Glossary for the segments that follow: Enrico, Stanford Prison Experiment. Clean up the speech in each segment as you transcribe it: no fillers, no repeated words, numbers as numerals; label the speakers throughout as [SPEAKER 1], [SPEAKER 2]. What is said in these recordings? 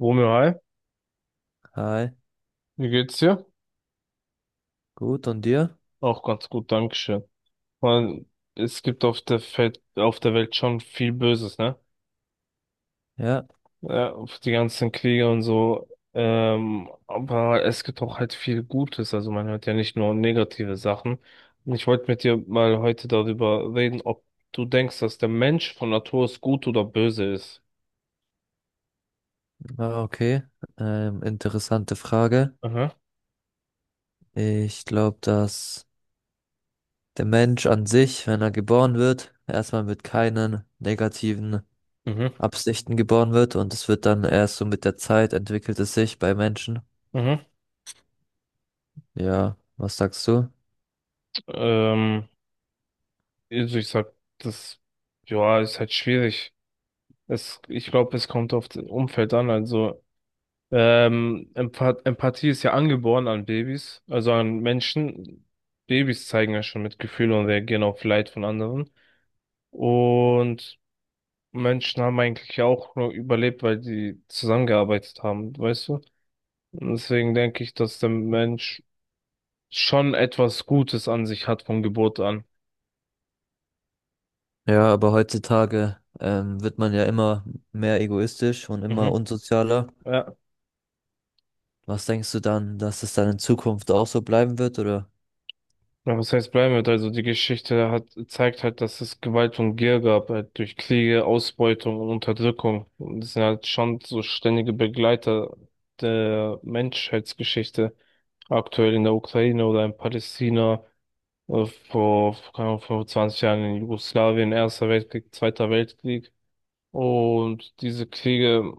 [SPEAKER 1] Romeo, hi,
[SPEAKER 2] Hi,
[SPEAKER 1] wie geht's dir?
[SPEAKER 2] gut, und dir?
[SPEAKER 1] Auch ganz gut, Dankeschön. Man, es gibt auf der Welt schon viel Böses, ne?
[SPEAKER 2] Ja,
[SPEAKER 1] Ja, auf die ganzen Kriege und so. Aber es gibt auch halt viel Gutes. Also man hört ja nicht nur negative Sachen. Und ich wollte mit dir mal heute darüber reden, ob du denkst, dass der Mensch von Natur aus gut oder böse ist.
[SPEAKER 2] ah, okay. Interessante Frage.
[SPEAKER 1] Mhm,
[SPEAKER 2] Ich glaube, dass der Mensch an sich, wenn er geboren wird, erstmal mit keinen negativen
[SPEAKER 1] mhm,
[SPEAKER 2] Absichten geboren wird und es wird dann erst so mit der Zeit entwickelt es sich bei Menschen.
[SPEAKER 1] mhm.
[SPEAKER 2] Ja, was sagst du?
[SPEAKER 1] Ähm, also ich sag, das, ja, ist halt schwierig. Es, ich glaube, es kommt auf das Umfeld an. Also Empathie ist ja angeboren an Babys, also an Menschen. Babys zeigen ja schon Mitgefühl und reagieren auf Leid von anderen. Und Menschen haben eigentlich ja auch nur überlebt, weil die zusammengearbeitet haben, weißt du? Und deswegen denke ich, dass der Mensch schon etwas Gutes an sich hat von Geburt an.
[SPEAKER 2] Ja, aber heutzutage wird man ja immer mehr egoistisch und immer
[SPEAKER 1] Mhm.
[SPEAKER 2] unsozialer.
[SPEAKER 1] Ja.
[SPEAKER 2] Was denkst du dann, dass es dann in Zukunft auch so bleiben wird, oder?
[SPEAKER 1] Ja, was heißt bleiben wird? Also die Geschichte hat zeigt halt, dass es Gewalt und Gier gab, halt durch Kriege, Ausbeutung und Unterdrückung. Und das sind halt schon so ständige Begleiter der Menschheitsgeschichte. Aktuell in der Ukraine oder in Palästina, vor, keine Ahnung, 25 Jahren in Jugoslawien, Erster Weltkrieg, Zweiter Weltkrieg. Und diese Kriege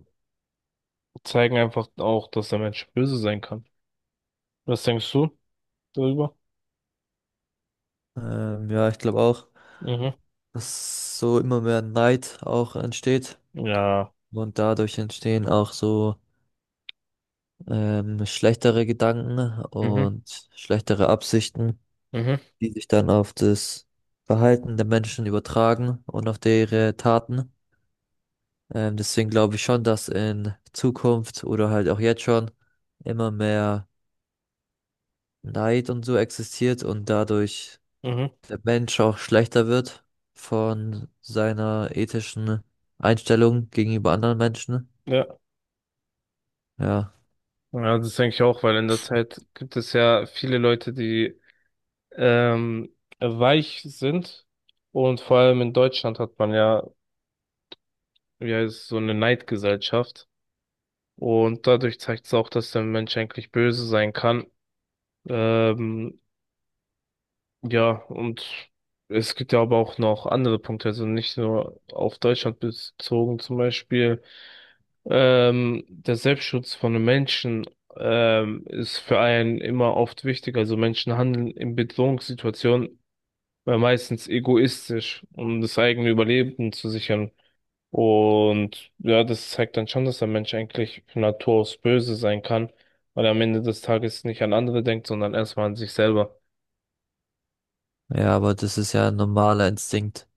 [SPEAKER 1] zeigen einfach auch, dass der Mensch böse sein kann. Was denkst du darüber?
[SPEAKER 2] Ja, ich glaube auch,
[SPEAKER 1] Mhm.
[SPEAKER 2] dass so immer mehr Neid auch entsteht
[SPEAKER 1] Ja.
[SPEAKER 2] und dadurch entstehen auch so schlechtere Gedanken
[SPEAKER 1] Mhm.
[SPEAKER 2] und schlechtere Absichten,
[SPEAKER 1] Mhm.
[SPEAKER 2] die sich dann auf das Verhalten der Menschen übertragen und auf ihre Taten. Deswegen glaube ich schon, dass in Zukunft oder halt auch jetzt schon immer mehr Neid und so existiert und dadurch
[SPEAKER 1] Mhm.
[SPEAKER 2] der Mensch auch schlechter wird von seiner ethischen Einstellung gegenüber anderen Menschen.
[SPEAKER 1] Ja.
[SPEAKER 2] Ja.
[SPEAKER 1] Ja, das denke ich auch, weil in der Zeit gibt es ja viele Leute, die weich sind. Und vor allem in Deutschland hat man ja, wie heißt es, so eine Neidgesellschaft. Und dadurch zeigt es auch, dass der Mensch eigentlich böse sein kann. Ähm, Ja, und es gibt ja aber auch noch andere Punkte, also nicht nur auf Deutschland bezogen, zum Beispiel der Selbstschutz von den Menschen ist für einen immer oft wichtig. Also Menschen handeln in Bedrohungssituationen meistens egoistisch, um das eigene Überleben zu sichern. Und ja, das zeigt dann schon, dass der Mensch eigentlich von Natur aus böse sein kann, weil er am Ende des Tages nicht an andere denkt, sondern erstmal an sich selber.
[SPEAKER 2] Ja, aber das ist ja ein normaler Instinkt.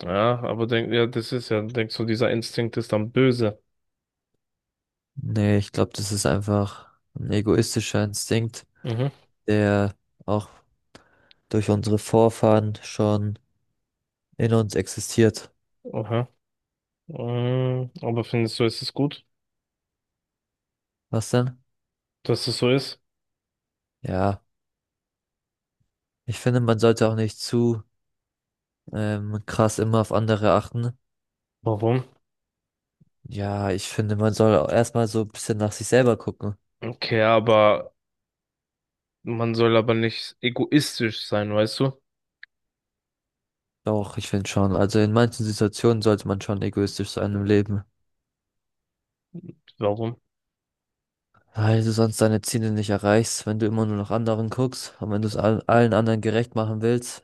[SPEAKER 1] Ja, aber das ist ja, denkst du, dieser Instinkt ist dann böse.
[SPEAKER 2] Nee, ich glaube, das ist einfach ein egoistischer Instinkt,
[SPEAKER 1] Mhm.
[SPEAKER 2] der auch durch unsere Vorfahren schon in uns existiert.
[SPEAKER 1] Aha. Mm, aber findest du, ist es gut,
[SPEAKER 2] Was denn?
[SPEAKER 1] dass es so ist?
[SPEAKER 2] Ja, ich finde, man sollte auch nicht zu krass immer auf andere achten.
[SPEAKER 1] Warum?
[SPEAKER 2] Ja, ich finde, man soll auch erstmal so ein bisschen nach sich selber gucken.
[SPEAKER 1] Okay, man soll aber nicht egoistisch sein, weißt du?
[SPEAKER 2] Doch, ich finde schon. Also in manchen Situationen sollte man schon egoistisch sein im Leben.
[SPEAKER 1] Warum?
[SPEAKER 2] Weil du sonst deine Ziele nicht erreichst, wenn du immer nur nach anderen guckst und wenn du es allen anderen gerecht machen willst.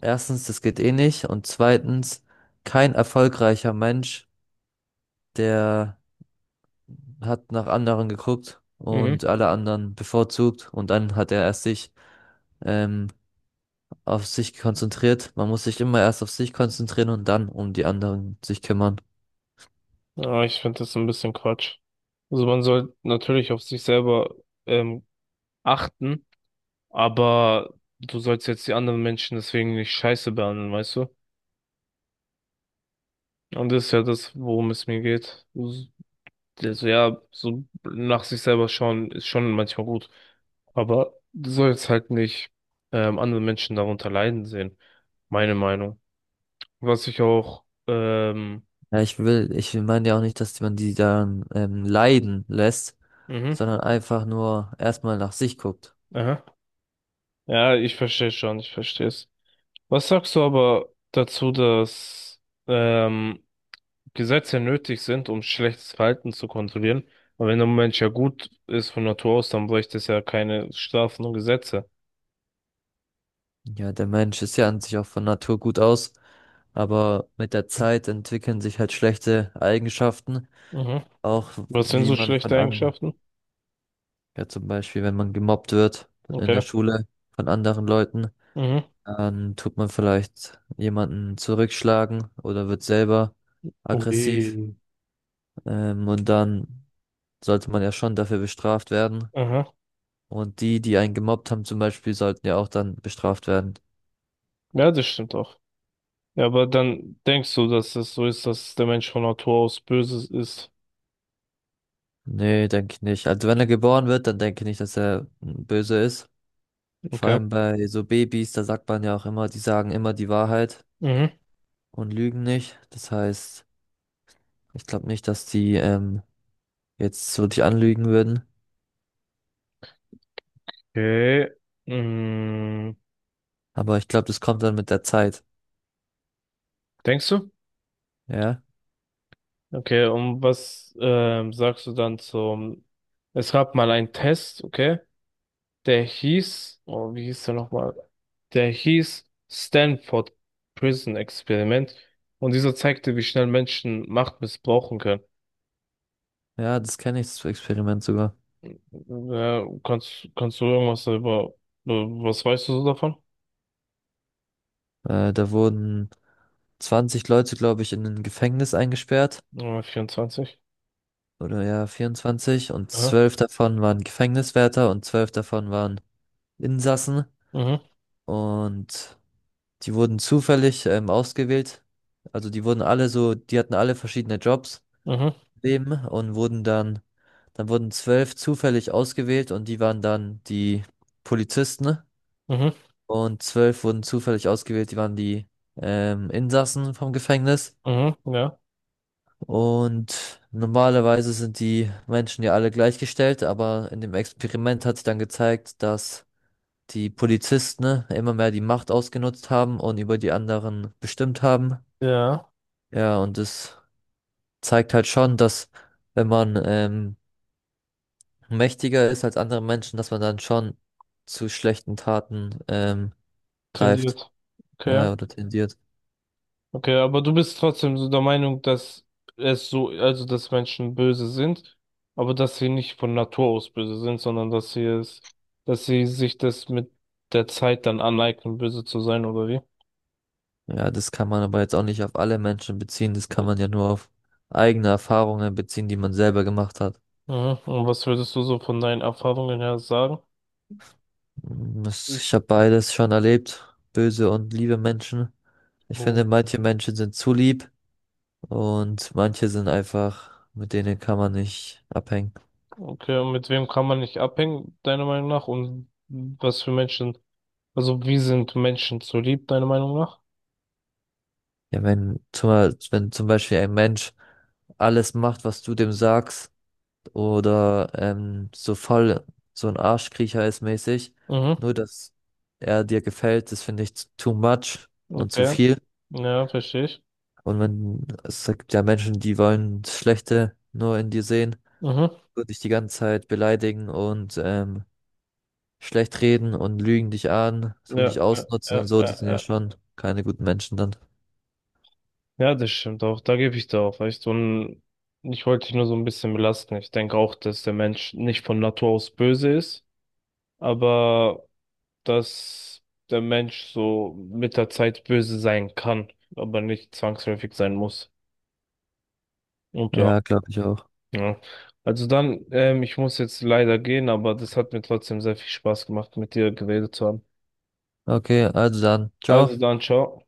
[SPEAKER 2] Erstens, das geht eh nicht. Und zweitens, kein erfolgreicher Mensch, der hat nach anderen geguckt
[SPEAKER 1] Mhm.
[SPEAKER 2] und alle anderen bevorzugt und dann hat er erst sich ähm, auf sich konzentriert. Man muss sich immer erst auf sich konzentrieren und dann um die anderen sich kümmern.
[SPEAKER 1] Ja, ich finde das ein bisschen Quatsch. Also man soll natürlich auf sich selber ähm, achten, aber du sollst jetzt die anderen Menschen deswegen nicht scheiße behandeln, weißt du? Und das ist ja das, worum es mir geht. Also ja, so nach sich selber schauen ist schon manchmal gut. Aber du sollst halt nicht andere Menschen darunter leiden sehen. Meine Meinung. Was ich auch,
[SPEAKER 2] Ja, ich meine ja auch nicht, dass man die dann leiden lässt,
[SPEAKER 1] mhm,
[SPEAKER 2] sondern einfach nur erstmal nach sich guckt.
[SPEAKER 1] aha. Ja, ich verstehe schon, ich verstehe es. Was sagst du aber dazu, dass ähm, Gesetze nötig sind, um schlechtes Verhalten zu kontrollieren? Aber wenn ein Mensch ja gut ist von Natur aus, dann bräuchte es ja keine Strafen und Gesetze.
[SPEAKER 2] Ja, der Mensch ist ja an sich auch von Natur gut aus, aber mit der Zeit entwickeln sich halt schlechte Eigenschaften,
[SPEAKER 1] Mhm.
[SPEAKER 2] auch
[SPEAKER 1] Was sind
[SPEAKER 2] wie
[SPEAKER 1] so
[SPEAKER 2] man von
[SPEAKER 1] schlechte
[SPEAKER 2] an,
[SPEAKER 1] Eigenschaften?
[SPEAKER 2] ja zum Beispiel, wenn man gemobbt wird in der
[SPEAKER 1] Okay.
[SPEAKER 2] Schule von anderen Leuten,
[SPEAKER 1] Mhm.
[SPEAKER 2] dann tut man vielleicht jemanden zurückschlagen oder wird selber aggressiv,
[SPEAKER 1] Ui.
[SPEAKER 2] und dann sollte man ja schon dafür bestraft werden.
[SPEAKER 1] Aha.
[SPEAKER 2] Und die, die einen gemobbt haben zum Beispiel, sollten ja auch dann bestraft werden.
[SPEAKER 1] Ja, das stimmt auch. Ja, aber dann denkst du, dass es so ist, dass der Mensch von Natur aus böse ist.
[SPEAKER 2] Nee, denke ich nicht. Also wenn er geboren wird, dann denke ich nicht, dass er böse ist. Vor
[SPEAKER 1] Okay.
[SPEAKER 2] allem bei so Babys, da sagt man ja auch immer, die sagen immer die Wahrheit
[SPEAKER 1] Mhm.
[SPEAKER 2] und lügen nicht. Das heißt, ich glaube nicht, dass die jetzt so dich anlügen würden.
[SPEAKER 1] Okay. Mhm.
[SPEAKER 2] Aber ich glaube, das kommt dann mit der Zeit.
[SPEAKER 1] Denkst du?
[SPEAKER 2] Ja,
[SPEAKER 1] Okay, und was sagst du dann zum... Es gab mal einen Test, okay? Der hieß... Oh, wie hieß der nochmal? Der hieß Stanford Prison Experiment. Und dieser zeigte, wie schnell Menschen Macht missbrauchen können.
[SPEAKER 2] ja, das kenne ich, das Experiment sogar.
[SPEAKER 1] Ja, kannst du irgendwas darüber, was weißt du so davon?
[SPEAKER 2] Da wurden 20 Leute, glaube ich, in ein Gefängnis eingesperrt.
[SPEAKER 1] 24.
[SPEAKER 2] Oder ja, 24. Und
[SPEAKER 1] Aha.
[SPEAKER 2] 12 davon waren Gefängniswärter und 12 davon waren Insassen.
[SPEAKER 1] Mhm,
[SPEAKER 2] Und die wurden zufällig ausgewählt. Also die hatten alle verschiedene Jobs
[SPEAKER 1] mhm,
[SPEAKER 2] im Leben und wurden dann wurden 12 zufällig ausgewählt und die waren dann die Polizisten
[SPEAKER 1] mhm,
[SPEAKER 2] und 12 wurden zufällig ausgewählt, die waren die Insassen vom Gefängnis.
[SPEAKER 1] mhm, ja,
[SPEAKER 2] Und normalerweise sind die Menschen ja alle gleichgestellt, aber in dem Experiment hat sich dann gezeigt, dass die Polizisten immer mehr die Macht ausgenutzt haben und über die anderen bestimmt haben.
[SPEAKER 1] ja,
[SPEAKER 2] Ja, und das zeigt halt schon, dass wenn man mächtiger ist als andere Menschen, dass man dann schon zu schlechten Taten greift,
[SPEAKER 1] tendiert. Okay,
[SPEAKER 2] ja, oder tendiert.
[SPEAKER 1] okay, aber du bist trotzdem so der Meinung, dass also dass Menschen böse sind, aber dass sie nicht von Natur aus böse sind, sondern dass dass sie sich das mit der Zeit dann aneignen, böse zu sein, oder wie?
[SPEAKER 2] Ja, das kann man aber jetzt auch nicht auf alle Menschen beziehen, das kann man ja nur auf eigene Erfahrungen beziehen, die man selber gemacht hat.
[SPEAKER 1] Mhm. Und was würdest du so von deinen Erfahrungen her sagen? Ich,
[SPEAKER 2] Ich habe beides schon erlebt, böse und liebe Menschen. Ich
[SPEAKER 1] oh.
[SPEAKER 2] finde, manche Menschen sind zu lieb und manche sind einfach, mit denen kann man nicht abhängen.
[SPEAKER 1] Okay, und mit wem kann man nicht abhängen, deiner Meinung nach? Und was für Menschen, also wie sind Menschen zu lieb, deiner Meinung nach?
[SPEAKER 2] Ja, wenn zum Beispiel ein Mensch alles macht, was du dem sagst, oder so voll so ein Arschkriecher ist mäßig,
[SPEAKER 1] Mhm,
[SPEAKER 2] nur dass er dir gefällt, das finde ich too much und zu
[SPEAKER 1] okay.
[SPEAKER 2] viel.
[SPEAKER 1] Ja, verstehe ich.
[SPEAKER 2] Und wenn es gibt ja Menschen, die wollen das Schlechte nur in dir sehen,
[SPEAKER 1] Mhm.
[SPEAKER 2] nur dich die ganze Zeit beleidigen und schlecht reden und lügen dich an, tun
[SPEAKER 1] Ja,
[SPEAKER 2] dich
[SPEAKER 1] ja,
[SPEAKER 2] ausnutzen und
[SPEAKER 1] ja,
[SPEAKER 2] so,
[SPEAKER 1] ja.
[SPEAKER 2] das sind ja
[SPEAKER 1] Ja,
[SPEAKER 2] schon keine guten Menschen dann.
[SPEAKER 1] ja, das stimmt auch. Da gebe ich dir auch recht. Und ich wollte dich nur so ein bisschen belasten. Ich denke auch, dass der Mensch nicht von Natur aus böse ist, aber dass der Mensch so mit der Zeit böse sein kann, aber nicht zwangsläufig sein muss. Und ja.
[SPEAKER 2] Ja, glaube ich auch.
[SPEAKER 1] Ja. Also dann, ich muss jetzt leider gehen, aber das hat mir trotzdem sehr viel Spaß gemacht, mit dir geredet zu haben.
[SPEAKER 2] Okay, also dann,
[SPEAKER 1] Also
[SPEAKER 2] ciao.
[SPEAKER 1] dann, ciao.